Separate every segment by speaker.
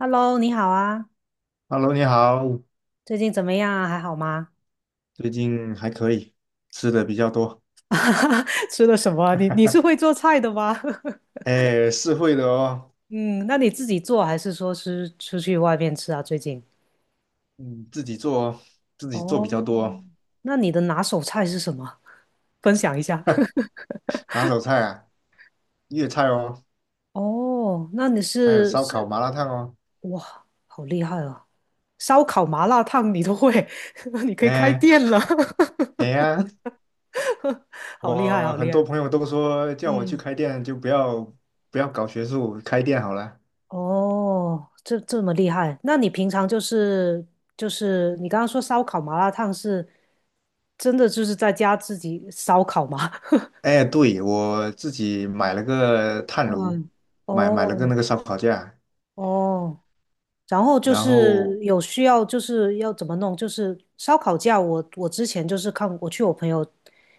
Speaker 1: Hello，你好啊，
Speaker 2: Hello，你好，
Speaker 1: 最近怎么样啊？还好吗？
Speaker 2: 最近还可以，吃的比较多。
Speaker 1: 吃了什么啊你是会 做菜的吗？
Speaker 2: 哎，是会的哦，
Speaker 1: 嗯，那你自己做还是说是出去外面吃啊？最近？
Speaker 2: 自己做哦，自己做比
Speaker 1: 哦，
Speaker 2: 较多哦。
Speaker 1: 那你的拿手菜是什么？分享一下。
Speaker 2: 拿手菜啊，粤菜哦，
Speaker 1: 哦，那你
Speaker 2: 还有
Speaker 1: 是
Speaker 2: 烧烤、
Speaker 1: 是
Speaker 2: 麻辣烫哦。
Speaker 1: 哇，好厉害哦！烧烤、麻辣烫你都会，你可以开
Speaker 2: 哎，
Speaker 1: 店了，
Speaker 2: 哎呀，
Speaker 1: 好厉害，
Speaker 2: 我
Speaker 1: 好厉
Speaker 2: 很多
Speaker 1: 害！
Speaker 2: 朋友都说叫我去
Speaker 1: 嗯。
Speaker 2: 开店，就不要搞学术，开店好了。
Speaker 1: 哦，这么厉害？那你平常就是你刚刚说烧烤麻辣烫是真的就是在家自己烧烤吗？
Speaker 2: 哎，对，我自己买了个炭炉，
Speaker 1: 嗯，
Speaker 2: 买了个
Speaker 1: 哦
Speaker 2: 那个烧烤架，
Speaker 1: 哦，然后就
Speaker 2: 然
Speaker 1: 是
Speaker 2: 后。
Speaker 1: 有需要，就是要怎么弄，就是烧烤架我之前就是看我去我朋友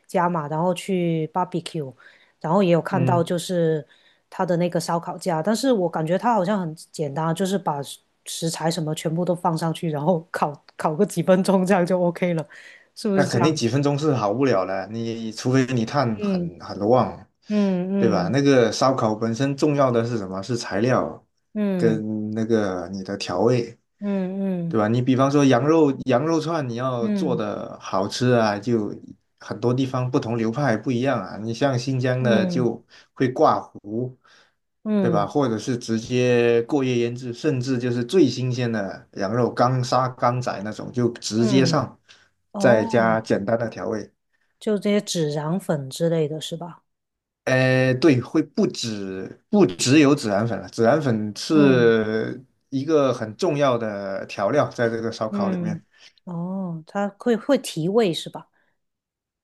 Speaker 1: 家嘛，然后去 barbecue，然后也有看到
Speaker 2: 嗯。
Speaker 1: 就是他的那个烧烤架，但是我感觉他好像很简单啊，就是把食材什么全部都放上去，然后烤个几分钟，这样就 OK 了，是不
Speaker 2: 那
Speaker 1: 是这
Speaker 2: 肯定
Speaker 1: 样
Speaker 2: 几
Speaker 1: 子？
Speaker 2: 分钟是好不了了，你除非你碳
Speaker 1: 嗯
Speaker 2: 很旺，对
Speaker 1: 嗯
Speaker 2: 吧？
Speaker 1: 嗯
Speaker 2: 那个烧烤本身重要的是什么？是材料
Speaker 1: 嗯
Speaker 2: 跟那个你的调味。
Speaker 1: 嗯
Speaker 2: 对吧？你比方说羊肉串，你要做
Speaker 1: 嗯
Speaker 2: 的好吃啊，就很多地方不同流派不一样啊。你像新疆
Speaker 1: 嗯
Speaker 2: 的
Speaker 1: 嗯
Speaker 2: 就会挂糊，对吧？
Speaker 1: 嗯
Speaker 2: 或者是直接过夜腌制，甚至就是最新鲜的羊肉刚杀刚宰那种，就直接
Speaker 1: 嗯，
Speaker 2: 上，再
Speaker 1: 哦。
Speaker 2: 加简单的调味。
Speaker 1: 就这些孜然粉之类的是吧？
Speaker 2: 对，会不只有孜然粉了，孜然粉
Speaker 1: 嗯
Speaker 2: 是一个很重要的调料，在这个烧烤里
Speaker 1: 嗯，
Speaker 2: 面。
Speaker 1: 哦，它会提味是吧？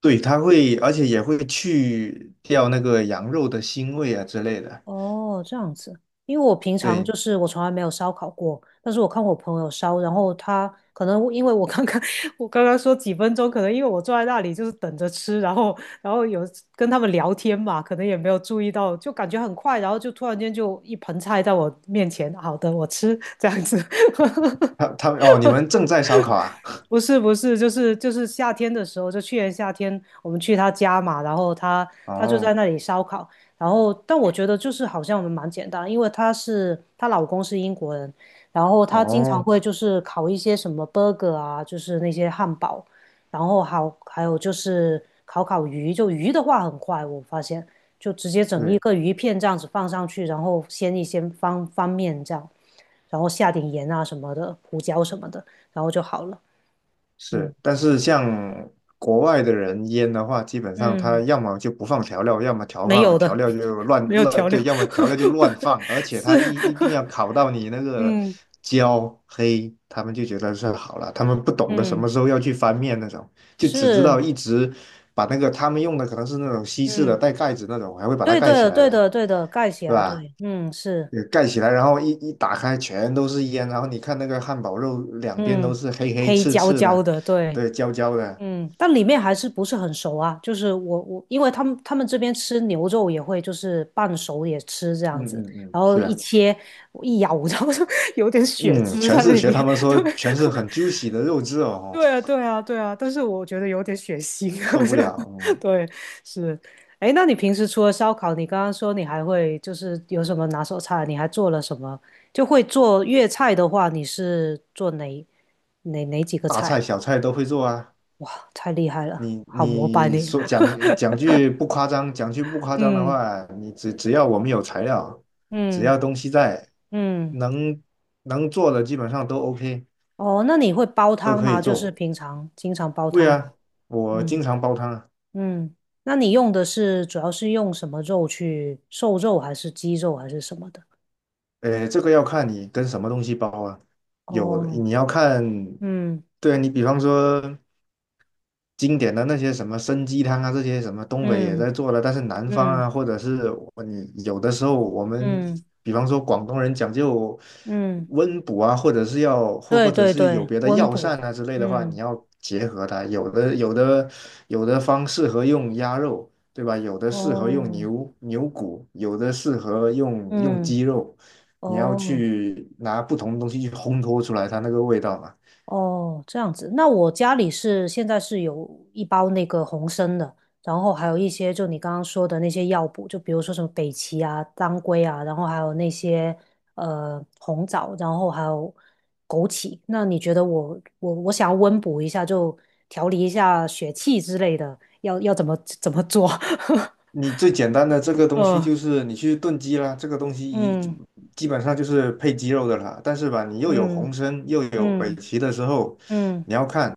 Speaker 2: 对，它会，而且也会去掉那个羊肉的腥味啊之类的。
Speaker 1: 哦，这样子，因为我平常
Speaker 2: 对，
Speaker 1: 就是我从来没有烧烤过，但是我看我朋友烧，然后他可能因为我刚刚 我刚刚说几分钟，可能因为我坐在那里就是等着吃，然后有跟他们聊天嘛，可能也没有注意到，就感觉很快，然后就突然间就一盆菜在我面前，好的，我吃这样子，
Speaker 2: 它哦，你们正在烧烤啊？
Speaker 1: 不是不是，就是夏天的时候，就去年夏天我们去他家嘛，然后他 他就在
Speaker 2: 哦
Speaker 1: 那里烧烤，然后但我觉得就是好像我们蛮简单，因为她老公是英国人，然后他经常
Speaker 2: 哦，
Speaker 1: 会就是烤一些什么 burger 啊，就是那些汉堡，然后好还有就是烤鱼，就鱼的话很快，我发现就直接整一
Speaker 2: 对，
Speaker 1: 个鱼片这样子放上去，然后先一些方方面这样，然后下点盐啊什么的，胡椒什么的，然后就好了。嗯
Speaker 2: 是。但是像国外的人腌的话，基本上他
Speaker 1: 嗯，
Speaker 2: 要么就不放调料，要么调
Speaker 1: 没
Speaker 2: 放
Speaker 1: 有
Speaker 2: 调
Speaker 1: 的，
Speaker 2: 料就乱
Speaker 1: 没有
Speaker 2: 乱，
Speaker 1: 调料，
Speaker 2: 对，要么调料就乱 放，而且
Speaker 1: 是，
Speaker 2: 他一定要烤到你那 个
Speaker 1: 嗯
Speaker 2: 焦黑，他们就觉得是好了，他们不懂得什么
Speaker 1: 嗯
Speaker 2: 时候要去翻面那种，就只知道
Speaker 1: 是，
Speaker 2: 一直把那个他们用的可能是那种西式的
Speaker 1: 嗯，
Speaker 2: 带盖子那种，还会把它
Speaker 1: 对
Speaker 2: 盖起
Speaker 1: 对
Speaker 2: 来
Speaker 1: 对
Speaker 2: 的，
Speaker 1: 的对的，盖起
Speaker 2: 是
Speaker 1: 来，
Speaker 2: 吧？
Speaker 1: 对，嗯是，
Speaker 2: 也盖起来，然后一打开全都是烟，然后你看那个汉堡肉两边都
Speaker 1: 嗯，
Speaker 2: 是黑黑
Speaker 1: 黑
Speaker 2: 刺
Speaker 1: 焦
Speaker 2: 刺
Speaker 1: 焦
Speaker 2: 的，
Speaker 1: 的，对，
Speaker 2: 对，焦焦的。
Speaker 1: 嗯，但里面还是不是很熟啊，就是我，因为他们这边吃牛肉也会就是半熟也吃这
Speaker 2: 嗯
Speaker 1: 样子，
Speaker 2: 嗯嗯，
Speaker 1: 然后
Speaker 2: 是
Speaker 1: 一
Speaker 2: 啊。
Speaker 1: 切我一咬，然后就有点血
Speaker 2: 嗯，
Speaker 1: 汁
Speaker 2: 全
Speaker 1: 在
Speaker 2: 是
Speaker 1: 里
Speaker 2: 学他
Speaker 1: 面，
Speaker 2: 们 说
Speaker 1: 对，
Speaker 2: 全是很 juicy 的肉质哦，
Speaker 1: 对啊，对啊，对啊，但是我觉得有点血腥，啊。
Speaker 2: 受不了哦。
Speaker 1: 就
Speaker 2: 嗯。
Speaker 1: 对，是。哎，那你平时除了烧烤，你刚刚说你还会就是有什么拿手菜？你还做了什么？就会做粤菜的话，你是做哪几个
Speaker 2: 大
Speaker 1: 菜啊
Speaker 2: 菜小菜都会做啊。
Speaker 1: 哇，太厉害了，
Speaker 2: 你
Speaker 1: 好膜拜
Speaker 2: 你
Speaker 1: 你。
Speaker 2: 说 讲句不夸张，讲句不夸张的
Speaker 1: 嗯
Speaker 2: 话，你只要我们有材料，只
Speaker 1: 嗯
Speaker 2: 要东西在，
Speaker 1: 嗯，
Speaker 2: 能能做的基本上都 OK,
Speaker 1: 哦，那你会煲
Speaker 2: 都
Speaker 1: 汤
Speaker 2: 可以
Speaker 1: 吗？就是
Speaker 2: 做。
Speaker 1: 平常经常煲
Speaker 2: 对
Speaker 1: 汤吗？
Speaker 2: 啊，我经
Speaker 1: 嗯
Speaker 2: 常煲汤啊。
Speaker 1: 嗯，那你用的是主要是用什么肉去？瘦肉还是鸡肉还是什么的？
Speaker 2: 这个要看你跟什么东西包啊。有，
Speaker 1: 哦，
Speaker 2: 你要看。
Speaker 1: 嗯
Speaker 2: 对啊你比方说，经典的那些什么参鸡汤啊，这些什么东北也
Speaker 1: 嗯
Speaker 2: 在做了，但是南方
Speaker 1: 嗯
Speaker 2: 啊，或者是有的时候我们，
Speaker 1: 嗯
Speaker 2: 比方说广东人讲究
Speaker 1: 嗯，
Speaker 2: 温补啊，或者是要或或
Speaker 1: 对
Speaker 2: 者
Speaker 1: 对
Speaker 2: 是有
Speaker 1: 对，
Speaker 2: 别的
Speaker 1: 温
Speaker 2: 药膳
Speaker 1: 补，
Speaker 2: 啊之类的话，你
Speaker 1: 嗯，
Speaker 2: 要结合它，有的方适合用鸭肉，对吧？有的适合用
Speaker 1: 哦，
Speaker 2: 牛骨，有的适合用用
Speaker 1: 嗯
Speaker 2: 鸡肉，你要
Speaker 1: 哦。
Speaker 2: 去拿不同的东西去烘托出来它那个味道嘛。
Speaker 1: 哦，这样子。那我家里是现在是有一包那个红参的，然后还有一些就你刚刚说的那些药补，就比如说什么北芪啊、当归啊，然后还有那些红枣，然后还有枸杞。那你觉得我想要温补一下，就调理一下血气之类的，要怎么做？
Speaker 2: 你最简单的这个东西
Speaker 1: 嗯
Speaker 2: 就是你去炖鸡啦，这个东西一
Speaker 1: 嗯
Speaker 2: 基本上就是配鸡肉的啦。但是吧，你又有红参又有北
Speaker 1: 嗯
Speaker 2: 芪的时候，
Speaker 1: 嗯嗯
Speaker 2: 你要看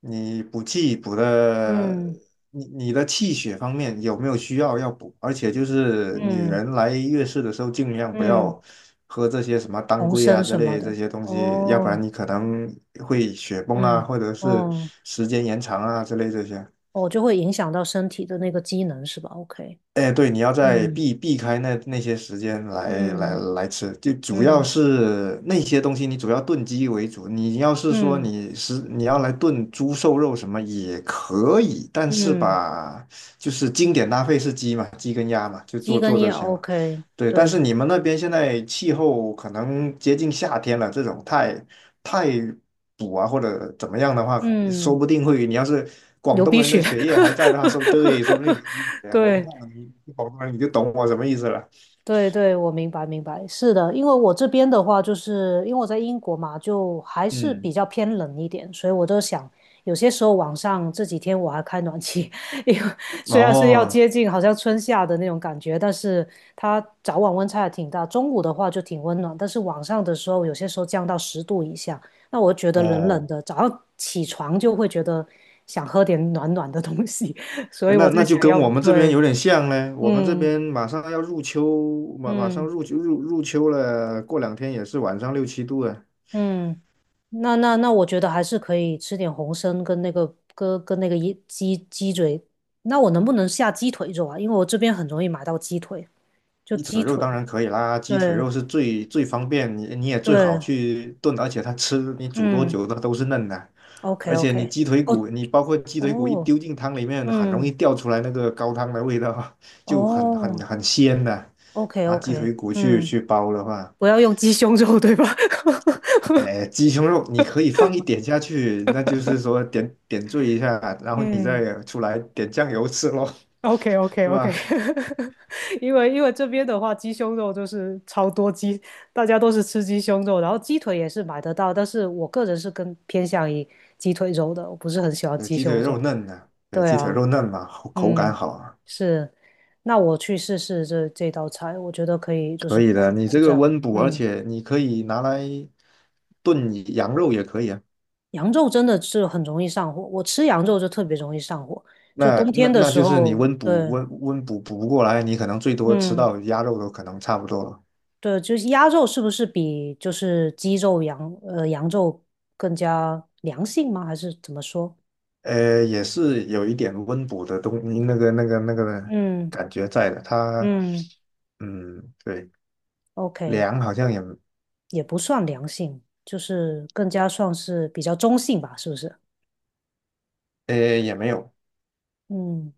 Speaker 2: 你补气补的，
Speaker 1: 嗯
Speaker 2: 你的气血方面有没有需要要补，而且就是女
Speaker 1: 嗯
Speaker 2: 人来月事的时候，尽量不
Speaker 1: 嗯，
Speaker 2: 要喝这些什么当
Speaker 1: 红
Speaker 2: 归
Speaker 1: 参
Speaker 2: 啊之
Speaker 1: 什
Speaker 2: 类
Speaker 1: 么
Speaker 2: 的这
Speaker 1: 的。
Speaker 2: 些东西，要不然
Speaker 1: 哦。
Speaker 2: 你可能会血崩啊，
Speaker 1: 嗯，
Speaker 2: 或者是
Speaker 1: 哦，
Speaker 2: 时间延长啊之类这些。
Speaker 1: 哦，就会影响到身体的那个机能是吧？OK，
Speaker 2: 哎，对，你要在
Speaker 1: 嗯
Speaker 2: 避开那些时间来来
Speaker 1: 嗯
Speaker 2: 来吃，就主要
Speaker 1: 嗯
Speaker 2: 是那些东西，你主要炖鸡为主。你要是说
Speaker 1: 嗯
Speaker 2: 你要来炖猪瘦肉什么也可以，但是
Speaker 1: 嗯，
Speaker 2: 吧，就是经典搭配是鸡嘛，鸡跟鸭嘛，就
Speaker 1: 鸡
Speaker 2: 做做
Speaker 1: 跟
Speaker 2: 这
Speaker 1: 鸭
Speaker 2: 些嘛。
Speaker 1: OK，
Speaker 2: 对，但是
Speaker 1: 对，
Speaker 2: 你们那边现在气候可能接近夏天了，这种太补啊或者怎么样的话，说
Speaker 1: 嗯，
Speaker 2: 不定会，你要是广
Speaker 1: 流
Speaker 2: 东
Speaker 1: 鼻
Speaker 2: 人的
Speaker 1: 血，
Speaker 2: 血液还在的话，说对，说不定流 鼻血啊、喉咙
Speaker 1: 对，
Speaker 2: 痛，你广东人你就懂我什么意思了。
Speaker 1: 对对，我明白明白，是的，因为我这边的话，就是因为我在英国嘛，就还是
Speaker 2: 嗯，
Speaker 1: 比较偏冷一点，所以我就想，有些时候晚上这几天我还开暖气，因为虽然是要
Speaker 2: 哦
Speaker 1: 接近好像春夏的那种感觉，但是它早晚温差也挺大，中午的话就挺温暖，但是晚上的时候有些时候降到10度以下，那我觉得冷冷
Speaker 2: 哦，
Speaker 1: 的，早上起床就会觉得想喝点暖暖的东西，所以
Speaker 2: 那
Speaker 1: 我在
Speaker 2: 那就
Speaker 1: 想
Speaker 2: 跟
Speaker 1: 要
Speaker 2: 我
Speaker 1: 不
Speaker 2: 们这边
Speaker 1: 对，
Speaker 2: 有点像嘞，我们这
Speaker 1: 嗯
Speaker 2: 边马上要入秋，马上
Speaker 1: 嗯。
Speaker 2: 入秋入秋了，过两天也是晚上6-7度了。
Speaker 1: 嗯，那，我觉得还是可以吃点红参跟那个一鸡嘴。那我能不能下鸡腿肉啊？因为我这边很容易买到鸡腿，就
Speaker 2: 鸡腿
Speaker 1: 鸡
Speaker 2: 肉
Speaker 1: 腿。
Speaker 2: 当然可以啦，鸡腿
Speaker 1: 对
Speaker 2: 肉是最最方便，你也最好
Speaker 1: 对，
Speaker 2: 去炖，而且它吃你煮多
Speaker 1: 嗯
Speaker 2: 久它都是嫩的。
Speaker 1: ，OK
Speaker 2: 而且你
Speaker 1: OK，
Speaker 2: 鸡腿
Speaker 1: 哦
Speaker 2: 骨，你包括鸡腿骨一
Speaker 1: 哦，
Speaker 2: 丢进汤里面，很容
Speaker 1: 嗯
Speaker 2: 易掉出来那个高汤的味道。就很很
Speaker 1: 哦
Speaker 2: 很鲜的。
Speaker 1: ，OK
Speaker 2: 拿鸡
Speaker 1: OK，
Speaker 2: 腿骨去
Speaker 1: 嗯，
Speaker 2: 去煲的话，
Speaker 1: 不要用鸡胸肉对吧？
Speaker 2: 哎，鸡胸肉你可以放一点下去，那就是说点缀一下，然后你
Speaker 1: 嗯。
Speaker 2: 再出来点酱油吃咯。
Speaker 1: OK OK
Speaker 2: 是
Speaker 1: OK，
Speaker 2: 吧？
Speaker 1: 因为这边的话，鸡胸肉就是超多鸡，大家都是吃鸡胸肉，然后鸡腿也是买得到，但是我个人是更偏向于鸡腿肉的，我不是很喜欢
Speaker 2: 对，
Speaker 1: 鸡
Speaker 2: 鸡腿
Speaker 1: 胸肉。
Speaker 2: 肉嫩的。对，
Speaker 1: 对
Speaker 2: 鸡腿
Speaker 1: 啊，
Speaker 2: 肉嫩嘛，口感
Speaker 1: 嗯，
Speaker 2: 好啊。
Speaker 1: 是，那我去试试这道菜，我觉得可以，就是
Speaker 2: 可以
Speaker 1: 补一
Speaker 2: 的，你
Speaker 1: 补
Speaker 2: 这
Speaker 1: 这
Speaker 2: 个
Speaker 1: 样。
Speaker 2: 温补，而
Speaker 1: 嗯，
Speaker 2: 且你可以拿来炖羊肉也可以啊。
Speaker 1: 羊肉真的是很容易上火，我吃羊肉就特别容易上火，就
Speaker 2: 那
Speaker 1: 冬
Speaker 2: 那
Speaker 1: 天的
Speaker 2: 那
Speaker 1: 时
Speaker 2: 就是你
Speaker 1: 候，
Speaker 2: 温补
Speaker 1: 对，
Speaker 2: 温温补补不过来，你可能最多吃
Speaker 1: 嗯。
Speaker 2: 到鸭肉都可能差不多了。
Speaker 1: 对，就是鸭肉是不是比就是鸡肉、羊肉更加良性吗？还是怎么说？
Speaker 2: 也是有一点温补的东那个那个那个
Speaker 1: 嗯
Speaker 2: 感觉在的。它，
Speaker 1: 嗯
Speaker 2: 嗯，对，
Speaker 1: ，OK，
Speaker 2: 凉好像也
Speaker 1: 也不算良性，就是更加算是比较中性吧，是不是？
Speaker 2: 呃也没有。
Speaker 1: 嗯，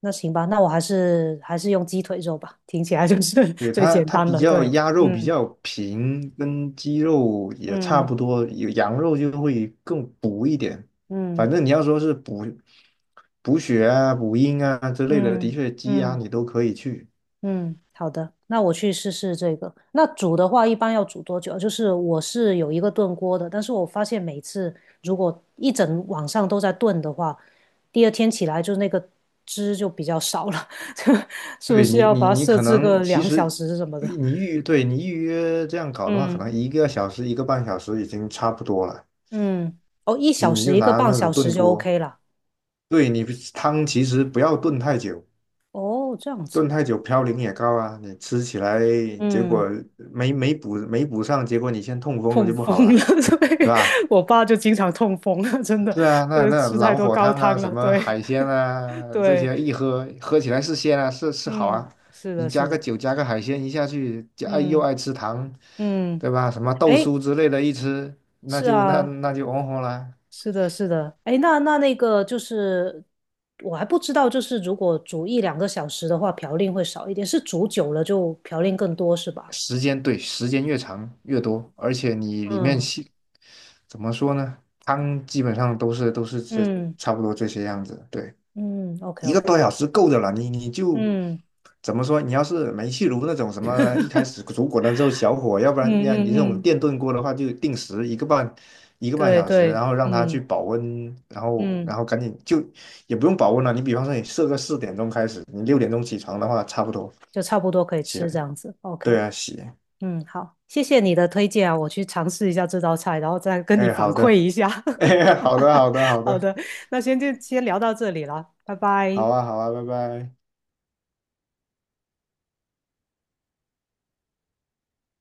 Speaker 1: 那行吧，那我还是用鸡腿肉吧，听起来就是
Speaker 2: 对，
Speaker 1: 最
Speaker 2: 它
Speaker 1: 简
Speaker 2: 它
Speaker 1: 单
Speaker 2: 比
Speaker 1: 了。
Speaker 2: 较
Speaker 1: 对，
Speaker 2: 鸭肉比
Speaker 1: 嗯
Speaker 2: 较平，跟鸡肉也差不
Speaker 1: 嗯
Speaker 2: 多，有羊肉就会更补一点。反
Speaker 1: 嗯
Speaker 2: 正你要说是补血啊、补阴啊之类的，的
Speaker 1: 嗯
Speaker 2: 确鸡
Speaker 1: 嗯
Speaker 2: 鸭
Speaker 1: 嗯。
Speaker 2: 你都可以去。
Speaker 1: 嗯，好的，那我去试试这个。那煮的话，一般要煮多久啊？就是我是有一个炖锅的，但是我发现每次如果一整晚上都在炖的话，第二天起来就那个汁就比较少了，就是不是要把
Speaker 2: 你
Speaker 1: 它
Speaker 2: 你
Speaker 1: 设
Speaker 2: 可
Speaker 1: 置
Speaker 2: 能
Speaker 1: 个
Speaker 2: 其
Speaker 1: 两小
Speaker 2: 实
Speaker 1: 时什么的？
Speaker 2: 你预约这样搞的话，可
Speaker 1: 嗯
Speaker 2: 能1个小时、一个半小时已经差不多了。
Speaker 1: 嗯，哦，一
Speaker 2: 你
Speaker 1: 小
Speaker 2: 你
Speaker 1: 时
Speaker 2: 就
Speaker 1: 一个
Speaker 2: 拿
Speaker 1: 半
Speaker 2: 那
Speaker 1: 小
Speaker 2: 种
Speaker 1: 时
Speaker 2: 炖
Speaker 1: 就
Speaker 2: 锅，
Speaker 1: OK 了。
Speaker 2: 对你汤其实不要炖太久，
Speaker 1: 哦，这样
Speaker 2: 炖
Speaker 1: 子，
Speaker 2: 太久嘌呤也高啊，你吃起来结
Speaker 1: 嗯，
Speaker 2: 果没补上，结果你先痛风了
Speaker 1: 痛
Speaker 2: 就不
Speaker 1: 风
Speaker 2: 好
Speaker 1: 了，
Speaker 2: 了，是
Speaker 1: 对，
Speaker 2: 吧？
Speaker 1: 我爸就经常痛风了，真的，
Speaker 2: 是啊，
Speaker 1: 就
Speaker 2: 那
Speaker 1: 是
Speaker 2: 那
Speaker 1: 吃太
Speaker 2: 老
Speaker 1: 多
Speaker 2: 火
Speaker 1: 高
Speaker 2: 汤啊，
Speaker 1: 汤
Speaker 2: 什
Speaker 1: 了，
Speaker 2: 么
Speaker 1: 对
Speaker 2: 海鲜啊，这
Speaker 1: 对。
Speaker 2: 些一喝起来是鲜啊，是好
Speaker 1: 嗯，
Speaker 2: 啊。
Speaker 1: 是的，
Speaker 2: 你加
Speaker 1: 是
Speaker 2: 个
Speaker 1: 的，
Speaker 2: 酒，加个海鲜一下去，就哎又
Speaker 1: 嗯
Speaker 2: 爱吃糖，
Speaker 1: 嗯，
Speaker 2: 对吧？什么豆酥
Speaker 1: 哎，
Speaker 2: 之类的，一吃那
Speaker 1: 是
Speaker 2: 就那
Speaker 1: 啊，
Speaker 2: 那就哦吼了。
Speaker 1: 是的，是的，哎，那个就是，我还不知道，就是如果煮一两个小时的话，嘌呤会少一点，是煮久了就嘌呤更多是吧？
Speaker 2: 时间，对，时间越长越多，而且你里面
Speaker 1: 嗯
Speaker 2: 细，怎么说呢？汤基本上都是这
Speaker 1: 嗯
Speaker 2: 差不多这些样子。对，
Speaker 1: 嗯，OK
Speaker 2: 一个
Speaker 1: OK，
Speaker 2: 多小时够的了。你就
Speaker 1: 嗯
Speaker 2: 怎么说？你要是煤气炉那种什么，一 开始煮滚了之后小火，要不然你
Speaker 1: 嗯
Speaker 2: 你这
Speaker 1: 嗯
Speaker 2: 种
Speaker 1: 嗯，
Speaker 2: 电炖锅的话，就定时一个半一个半
Speaker 1: 对
Speaker 2: 小时，
Speaker 1: 对，
Speaker 2: 然后让它去
Speaker 1: 嗯
Speaker 2: 保温，然后
Speaker 1: 嗯，
Speaker 2: 然后赶紧就也不用保温了。你比方说你设个4点钟开始，你6点钟起床的话，差不多
Speaker 1: 就差不多可以
Speaker 2: 起
Speaker 1: 吃这
Speaker 2: 来。
Speaker 1: 样子，OK。
Speaker 2: 对啊，洗。
Speaker 1: 嗯，好，谢谢你的推荐啊，我去尝试一下这道菜，然后再跟你
Speaker 2: 哎，
Speaker 1: 反
Speaker 2: 好
Speaker 1: 馈
Speaker 2: 的。
Speaker 1: 一下。
Speaker 2: 哎，好的，好的，好
Speaker 1: 好
Speaker 2: 的。
Speaker 1: 的，那先就先聊到这里了，拜拜。
Speaker 2: 好啊，好啊，拜拜。